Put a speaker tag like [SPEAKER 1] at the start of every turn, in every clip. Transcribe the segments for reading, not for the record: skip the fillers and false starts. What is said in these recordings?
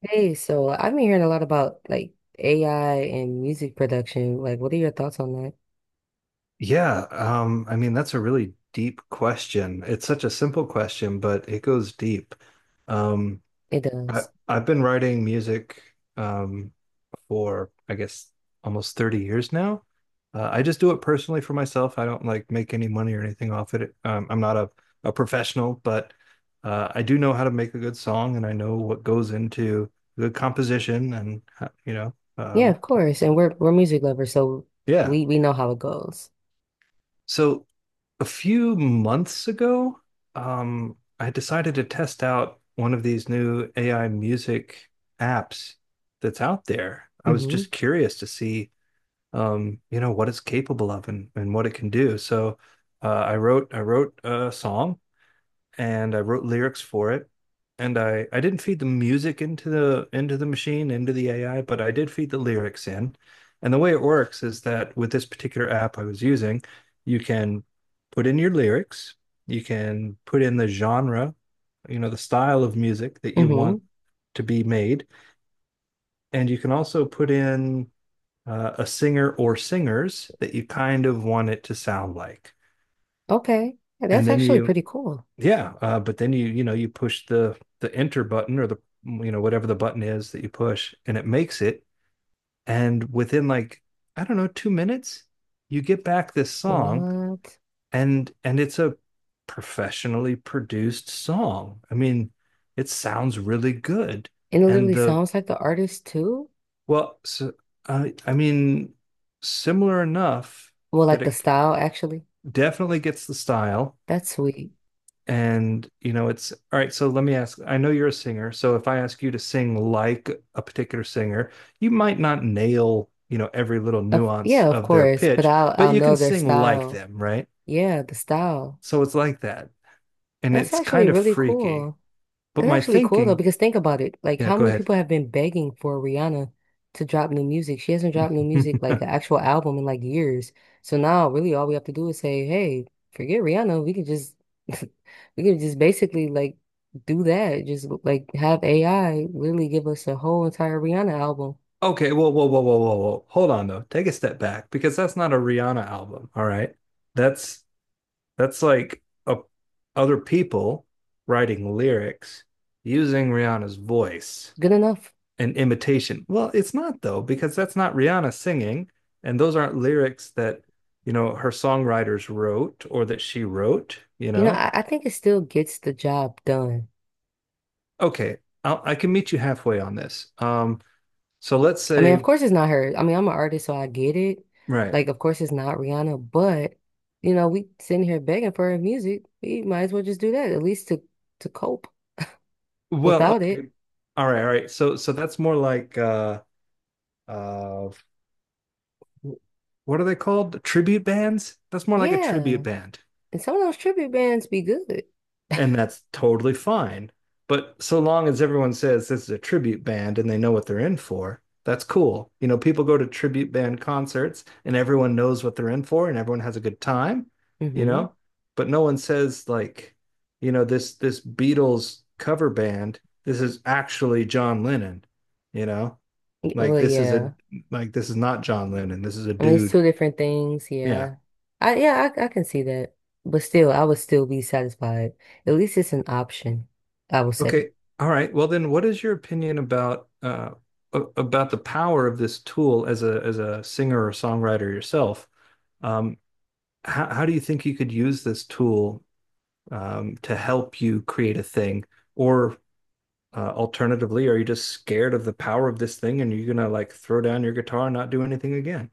[SPEAKER 1] Hey, so I've been hearing a lot about AI and music production. Like, what are your thoughts on that?
[SPEAKER 2] Yeah, I mean that's a really deep question. It's such a simple question, but it goes deep. Um,
[SPEAKER 1] It
[SPEAKER 2] I,
[SPEAKER 1] does.
[SPEAKER 2] I've been writing music um, for I guess almost 30 years now. I just do it personally for myself. I don't like make any money or anything off it. I'm not a professional, but I do know how to make a good song, and I know what goes into good composition and
[SPEAKER 1] Yeah, of course. And we're music lovers, so
[SPEAKER 2] yeah.
[SPEAKER 1] we know how it goes.
[SPEAKER 2] So a few months ago, I decided to test out one of these new AI music apps that's out there. I was
[SPEAKER 1] Mm-hmm.
[SPEAKER 2] just curious to see, what it's capable of and what it can do. So I wrote a song and I wrote lyrics for it. And I didn't feed the music into the machine, into the AI, but I did feed the lyrics in. And the way it works is that with this particular app I was using, you can put in your lyrics, you can put in the genre, you know, the style of music that you
[SPEAKER 1] Mm-hmm.
[SPEAKER 2] want to be made, and you can also put in a singer or singers that you kind of want it to sound like.
[SPEAKER 1] Okay. Yeah,
[SPEAKER 2] And
[SPEAKER 1] that's
[SPEAKER 2] then
[SPEAKER 1] actually
[SPEAKER 2] you
[SPEAKER 1] pretty cool.
[SPEAKER 2] Yeah, but then you know you push the enter button or the you know whatever the button is that you push, and it makes it. And within like I don't know 2 minutes, you get back this song,
[SPEAKER 1] What?
[SPEAKER 2] and it's a professionally produced song. I mean, it sounds really good,
[SPEAKER 1] And it
[SPEAKER 2] and
[SPEAKER 1] literally
[SPEAKER 2] the
[SPEAKER 1] sounds like the artist too?
[SPEAKER 2] well, so, I I mean, similar enough
[SPEAKER 1] Well,
[SPEAKER 2] that
[SPEAKER 1] like the
[SPEAKER 2] it
[SPEAKER 1] style actually.
[SPEAKER 2] definitely gets the style.
[SPEAKER 1] That's sweet.
[SPEAKER 2] And, you know, it's all right. So let me ask, I know you're a singer. So if I ask you to sing like a particular singer, you might not nail, you know, every little
[SPEAKER 1] Of,
[SPEAKER 2] nuance
[SPEAKER 1] yeah, of
[SPEAKER 2] of their
[SPEAKER 1] course, but
[SPEAKER 2] pitch,
[SPEAKER 1] I'll
[SPEAKER 2] but
[SPEAKER 1] I'll
[SPEAKER 2] you
[SPEAKER 1] know
[SPEAKER 2] can
[SPEAKER 1] their
[SPEAKER 2] sing like
[SPEAKER 1] style.
[SPEAKER 2] them, right?
[SPEAKER 1] Yeah, the style.
[SPEAKER 2] So it's like that. And
[SPEAKER 1] That's
[SPEAKER 2] it's
[SPEAKER 1] actually
[SPEAKER 2] kind of
[SPEAKER 1] really
[SPEAKER 2] freaky.
[SPEAKER 1] cool.
[SPEAKER 2] But
[SPEAKER 1] That's
[SPEAKER 2] my
[SPEAKER 1] actually cool though,
[SPEAKER 2] thinking,
[SPEAKER 1] because think about it. Like,
[SPEAKER 2] yeah,
[SPEAKER 1] how
[SPEAKER 2] go
[SPEAKER 1] many
[SPEAKER 2] ahead.
[SPEAKER 1] people have been begging for Rihanna to drop new music? She hasn't dropped new music, like an actual album, in like years. So now, really, all we have to do is say, "Hey, forget Rihanna. We can just, we can just basically like do that. Just like have AI really give us a whole entire Rihanna album."
[SPEAKER 2] Okay, whoa, whoa, whoa, whoa, whoa, whoa. Hold on though. Take a step back because that's not a Rihanna album, all right? That's That's like other people writing lyrics using Rihanna's voice
[SPEAKER 1] Good enough.
[SPEAKER 2] and imitation. Well, it's not though, because that's not Rihanna singing, and those aren't lyrics that, you know, her songwriters wrote or that she wrote, you
[SPEAKER 1] You know,
[SPEAKER 2] know.
[SPEAKER 1] I think it still gets the job done.
[SPEAKER 2] Okay, I can meet you halfway on this. So let's
[SPEAKER 1] I mean, of
[SPEAKER 2] say,
[SPEAKER 1] course it's not her. I mean, I'm an artist, so I get it.
[SPEAKER 2] right.
[SPEAKER 1] Like, of course it's not Rihanna, but you know, we sitting here begging for her music. We might as well just do that, at least to cope
[SPEAKER 2] Well,
[SPEAKER 1] without it.
[SPEAKER 2] okay. All right, all right. So that's more like uh what are they called? Tribute bands? That's more like a tribute
[SPEAKER 1] Yeah.
[SPEAKER 2] band.
[SPEAKER 1] And some of those tribute bands be good.
[SPEAKER 2] And that's totally fine. But so long as everyone says this is a tribute band and they know what they're in for, that's cool. You know, people go to tribute band concerts and everyone knows what they're in for and everyone has a good time, you
[SPEAKER 1] Hmm.
[SPEAKER 2] know? But no one says like, you know, this Beatles cover band, this is actually John Lennon, you know? Like
[SPEAKER 1] Well,
[SPEAKER 2] this is a
[SPEAKER 1] yeah.
[SPEAKER 2] like this is not John Lennon. This is a
[SPEAKER 1] I mean, it's
[SPEAKER 2] dude.
[SPEAKER 1] two different things.
[SPEAKER 2] Yeah.
[SPEAKER 1] Yeah. I yeah, I can see that. But still, I would still be satisfied. At least it's an option, I would say.
[SPEAKER 2] Okay. All right. Well, then, what is your opinion about about the power of this tool as a singer or songwriter yourself? Um, how do you think you could use this tool to help you create a thing? Or alternatively, are you just scared of the power of this thing and you're gonna like throw down your guitar and not do anything again?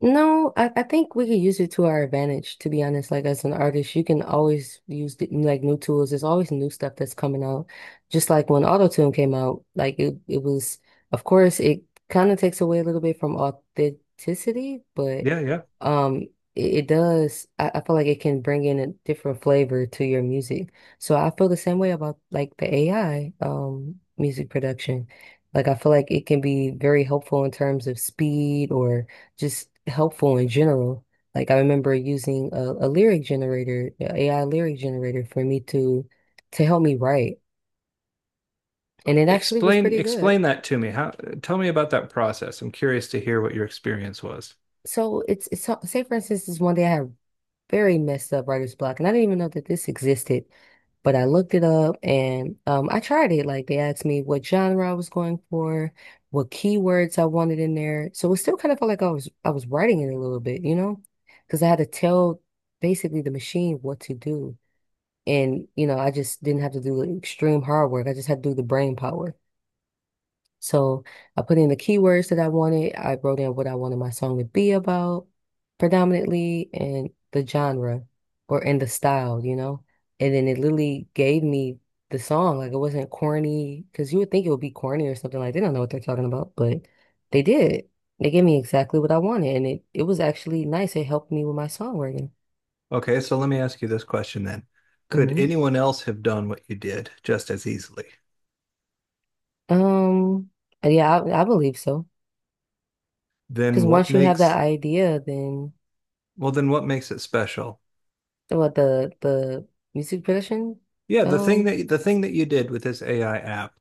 [SPEAKER 1] No, I think we could use it to our advantage, to be honest. Like as an artist, you can always use the, like new tools. There's always new stuff that's coming out. Just like when Auto-Tune came out, like it was, of course, it kind of takes away a little bit from authenticity, but
[SPEAKER 2] Yeah, yeah.
[SPEAKER 1] um it does I feel like it can bring in a different flavor to your music. So I feel the same way about like the AI music production. Like I feel like it can be very helpful in terms of speed or just helpful in general. Like I remember using a lyric generator, a AI lyric generator for me to help me write, and it actually was
[SPEAKER 2] Explain
[SPEAKER 1] pretty good.
[SPEAKER 2] explain that to me. How tell me about that process. I'm curious to hear what your experience was.
[SPEAKER 1] So say for instance, this one day I had very messed up writer's block, and I didn't even know that this existed, but I looked it up and I tried it. Like they asked me what genre I was going for, what keywords I wanted in there, so it still kind of felt like I was writing it a little bit, you know, because I had to tell basically the machine what to do. And, you know, I just didn't have to do the extreme hard work. I just had to do the brain power. So I put in the keywords that I wanted. I wrote in what I wanted my song to be about predominantly and the genre or in the style, you know? And then it literally gave me the song. Like it wasn't corny because you would think it would be corny or something like they don't know what they're talking about, but they did. They gave me exactly what I wanted and it was actually nice. It helped me with my songwriting.
[SPEAKER 2] Okay, so let me ask you this question then. Could
[SPEAKER 1] Hmm.
[SPEAKER 2] anyone else have done what you did just as easily?
[SPEAKER 1] Um, yeah, I believe so. Because
[SPEAKER 2] Then what
[SPEAKER 1] once you have that
[SPEAKER 2] makes
[SPEAKER 1] idea, then
[SPEAKER 2] well then what makes it special?
[SPEAKER 1] what the music production,
[SPEAKER 2] Yeah, the thing
[SPEAKER 1] um,
[SPEAKER 2] that the thing that you did with this AI app.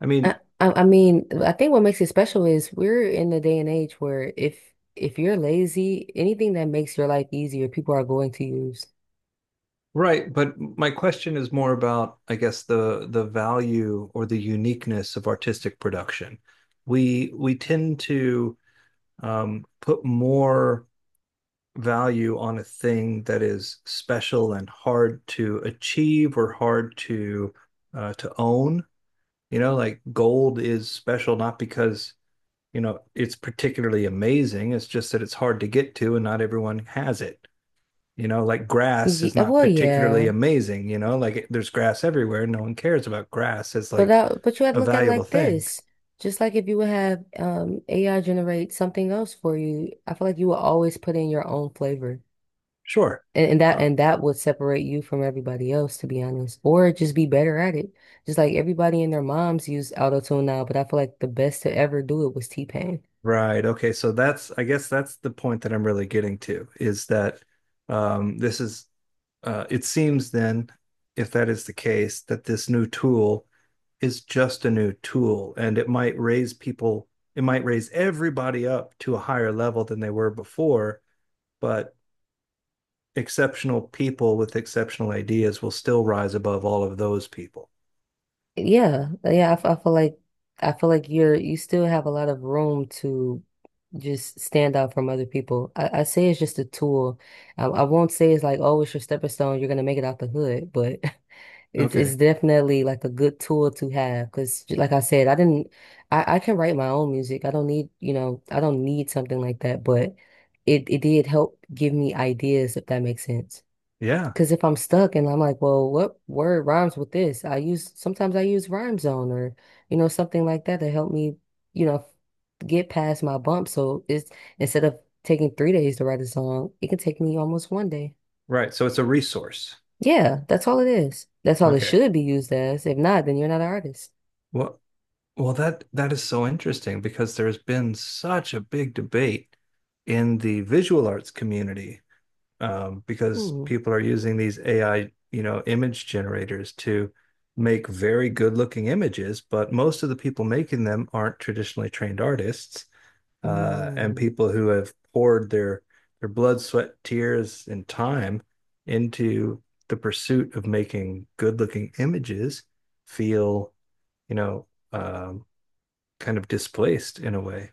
[SPEAKER 2] I mean,
[SPEAKER 1] I mean, I think what makes it special is we're in the day and age where if you're lazy, anything that makes your life easier, people are going to use.
[SPEAKER 2] right, but my question is more about, I guess, the value or the uniqueness of artistic production. We tend to put more value on a thing that is special and hard to achieve or hard to own. You know, like gold is special not because you know it's particularly amazing. It's just that it's hard to get to, and not everyone has it. You know, like grass is not
[SPEAKER 1] Well,
[SPEAKER 2] particularly
[SPEAKER 1] yeah,
[SPEAKER 2] amazing. You know, like there's grass everywhere. No one cares about grass as
[SPEAKER 1] but
[SPEAKER 2] like
[SPEAKER 1] that but you had to
[SPEAKER 2] a
[SPEAKER 1] look at it
[SPEAKER 2] valuable
[SPEAKER 1] like
[SPEAKER 2] thing.
[SPEAKER 1] this. Just like if you would have AI generate something else for you, I feel like you will always put in your own flavor.
[SPEAKER 2] Sure.
[SPEAKER 1] And that
[SPEAKER 2] Uh,
[SPEAKER 1] and that would separate you from everybody else, to be honest, or just be better at it. Just like everybody and their moms use auto tune now, but I feel like the best to ever do it was T-Pain.
[SPEAKER 2] right. Okay. So that's, I guess that's the point that I'm really getting to is that um, this is, it seems then, if that is the case, that this new tool is just a new tool and it might raise people, it might raise everybody up to a higher level than they were before, but exceptional people with exceptional ideas will still rise above all of those people.
[SPEAKER 1] Yeah, I feel like you still have a lot of room to just stand out from other people. I say it's just a tool. I won't say it's like, oh, it's your stepping stone. You're gonna make it out the hood, but It's
[SPEAKER 2] Okay.
[SPEAKER 1] it's definitely like a good tool to have because, like I said, I didn't, I can write my own music. I don't need, you know, I don't need something like that, but it did help give me ideas, if that makes sense.
[SPEAKER 2] Yeah.
[SPEAKER 1] Because if I'm stuck and I'm like, well, what word rhymes with this? Sometimes I use Rhyme Zone or, you know, something like that to help me, you know, get past my bump. So it's instead of taking three days to write a song, it can take me almost one day.
[SPEAKER 2] Right. So it's a resource.
[SPEAKER 1] Yeah, that's all it is. That's all it
[SPEAKER 2] Okay.
[SPEAKER 1] should be used as. If not, then you're not an artist.
[SPEAKER 2] Well, well, that is so interesting because there's been such a big debate in the visual arts community because
[SPEAKER 1] Hmm.
[SPEAKER 2] people are using these AI, you know, image generators to make very good-looking images, but most of the people making them aren't traditionally trained artists and
[SPEAKER 1] Mm.
[SPEAKER 2] people who have poured their blood, sweat, tears, and time into the pursuit of making good-looking images feel, you know. Um, kind of displaced in a way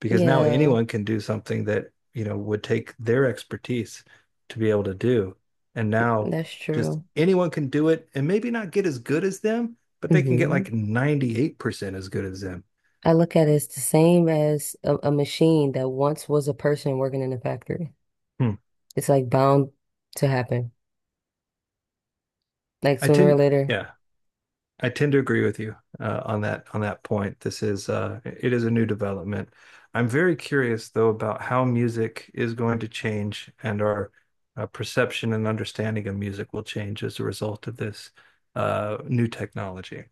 [SPEAKER 2] because now
[SPEAKER 1] Yeah,
[SPEAKER 2] anyone can do something that you know would take their expertise to be able to do and now
[SPEAKER 1] that's
[SPEAKER 2] just
[SPEAKER 1] true.
[SPEAKER 2] anyone can do it and maybe not get as good as them but they can get
[SPEAKER 1] Hmm.
[SPEAKER 2] like 98% as good as them
[SPEAKER 1] I look at it as the same as a machine that once was a person working in a factory.
[SPEAKER 2] hmm.
[SPEAKER 1] It's like bound to happen. Like
[SPEAKER 2] I
[SPEAKER 1] sooner or
[SPEAKER 2] tend
[SPEAKER 1] later,
[SPEAKER 2] yeah I tend to agree with you on that point. This is it is a new development. I'm very curious though about how music is going to change and our perception and understanding of music will change as a result of this new technology.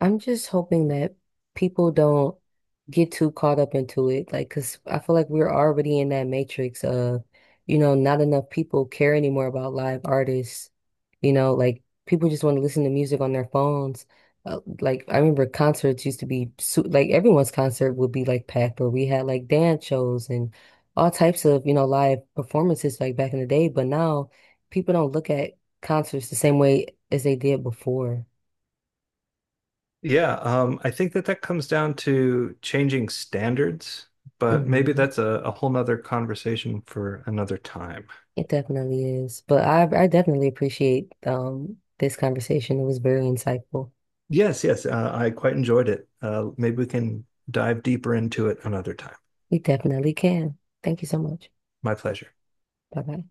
[SPEAKER 1] I'm just hoping that people don't get too caught up into it, like, 'cause I feel like we're already in that matrix of, you know, not enough people care anymore about live artists. You know, like people just want to listen to music on their phones. Like I remember concerts used to be su like everyone's concert would be like packed, or we had like dance shows and all types of, you know, live performances like back in the day. But now people don't look at concerts the same way as they did before.
[SPEAKER 2] Yeah, I think that that comes down to changing standards, but maybe
[SPEAKER 1] Mhm.
[SPEAKER 2] that's a whole nother conversation for another time.
[SPEAKER 1] It definitely is. But I definitely appreciate this conversation. It was very insightful.
[SPEAKER 2] Yes, yes, I quite enjoyed it. Maybe we can dive deeper into it another time.
[SPEAKER 1] We definitely can. Thank you so much.
[SPEAKER 2] My pleasure.
[SPEAKER 1] Bye bye.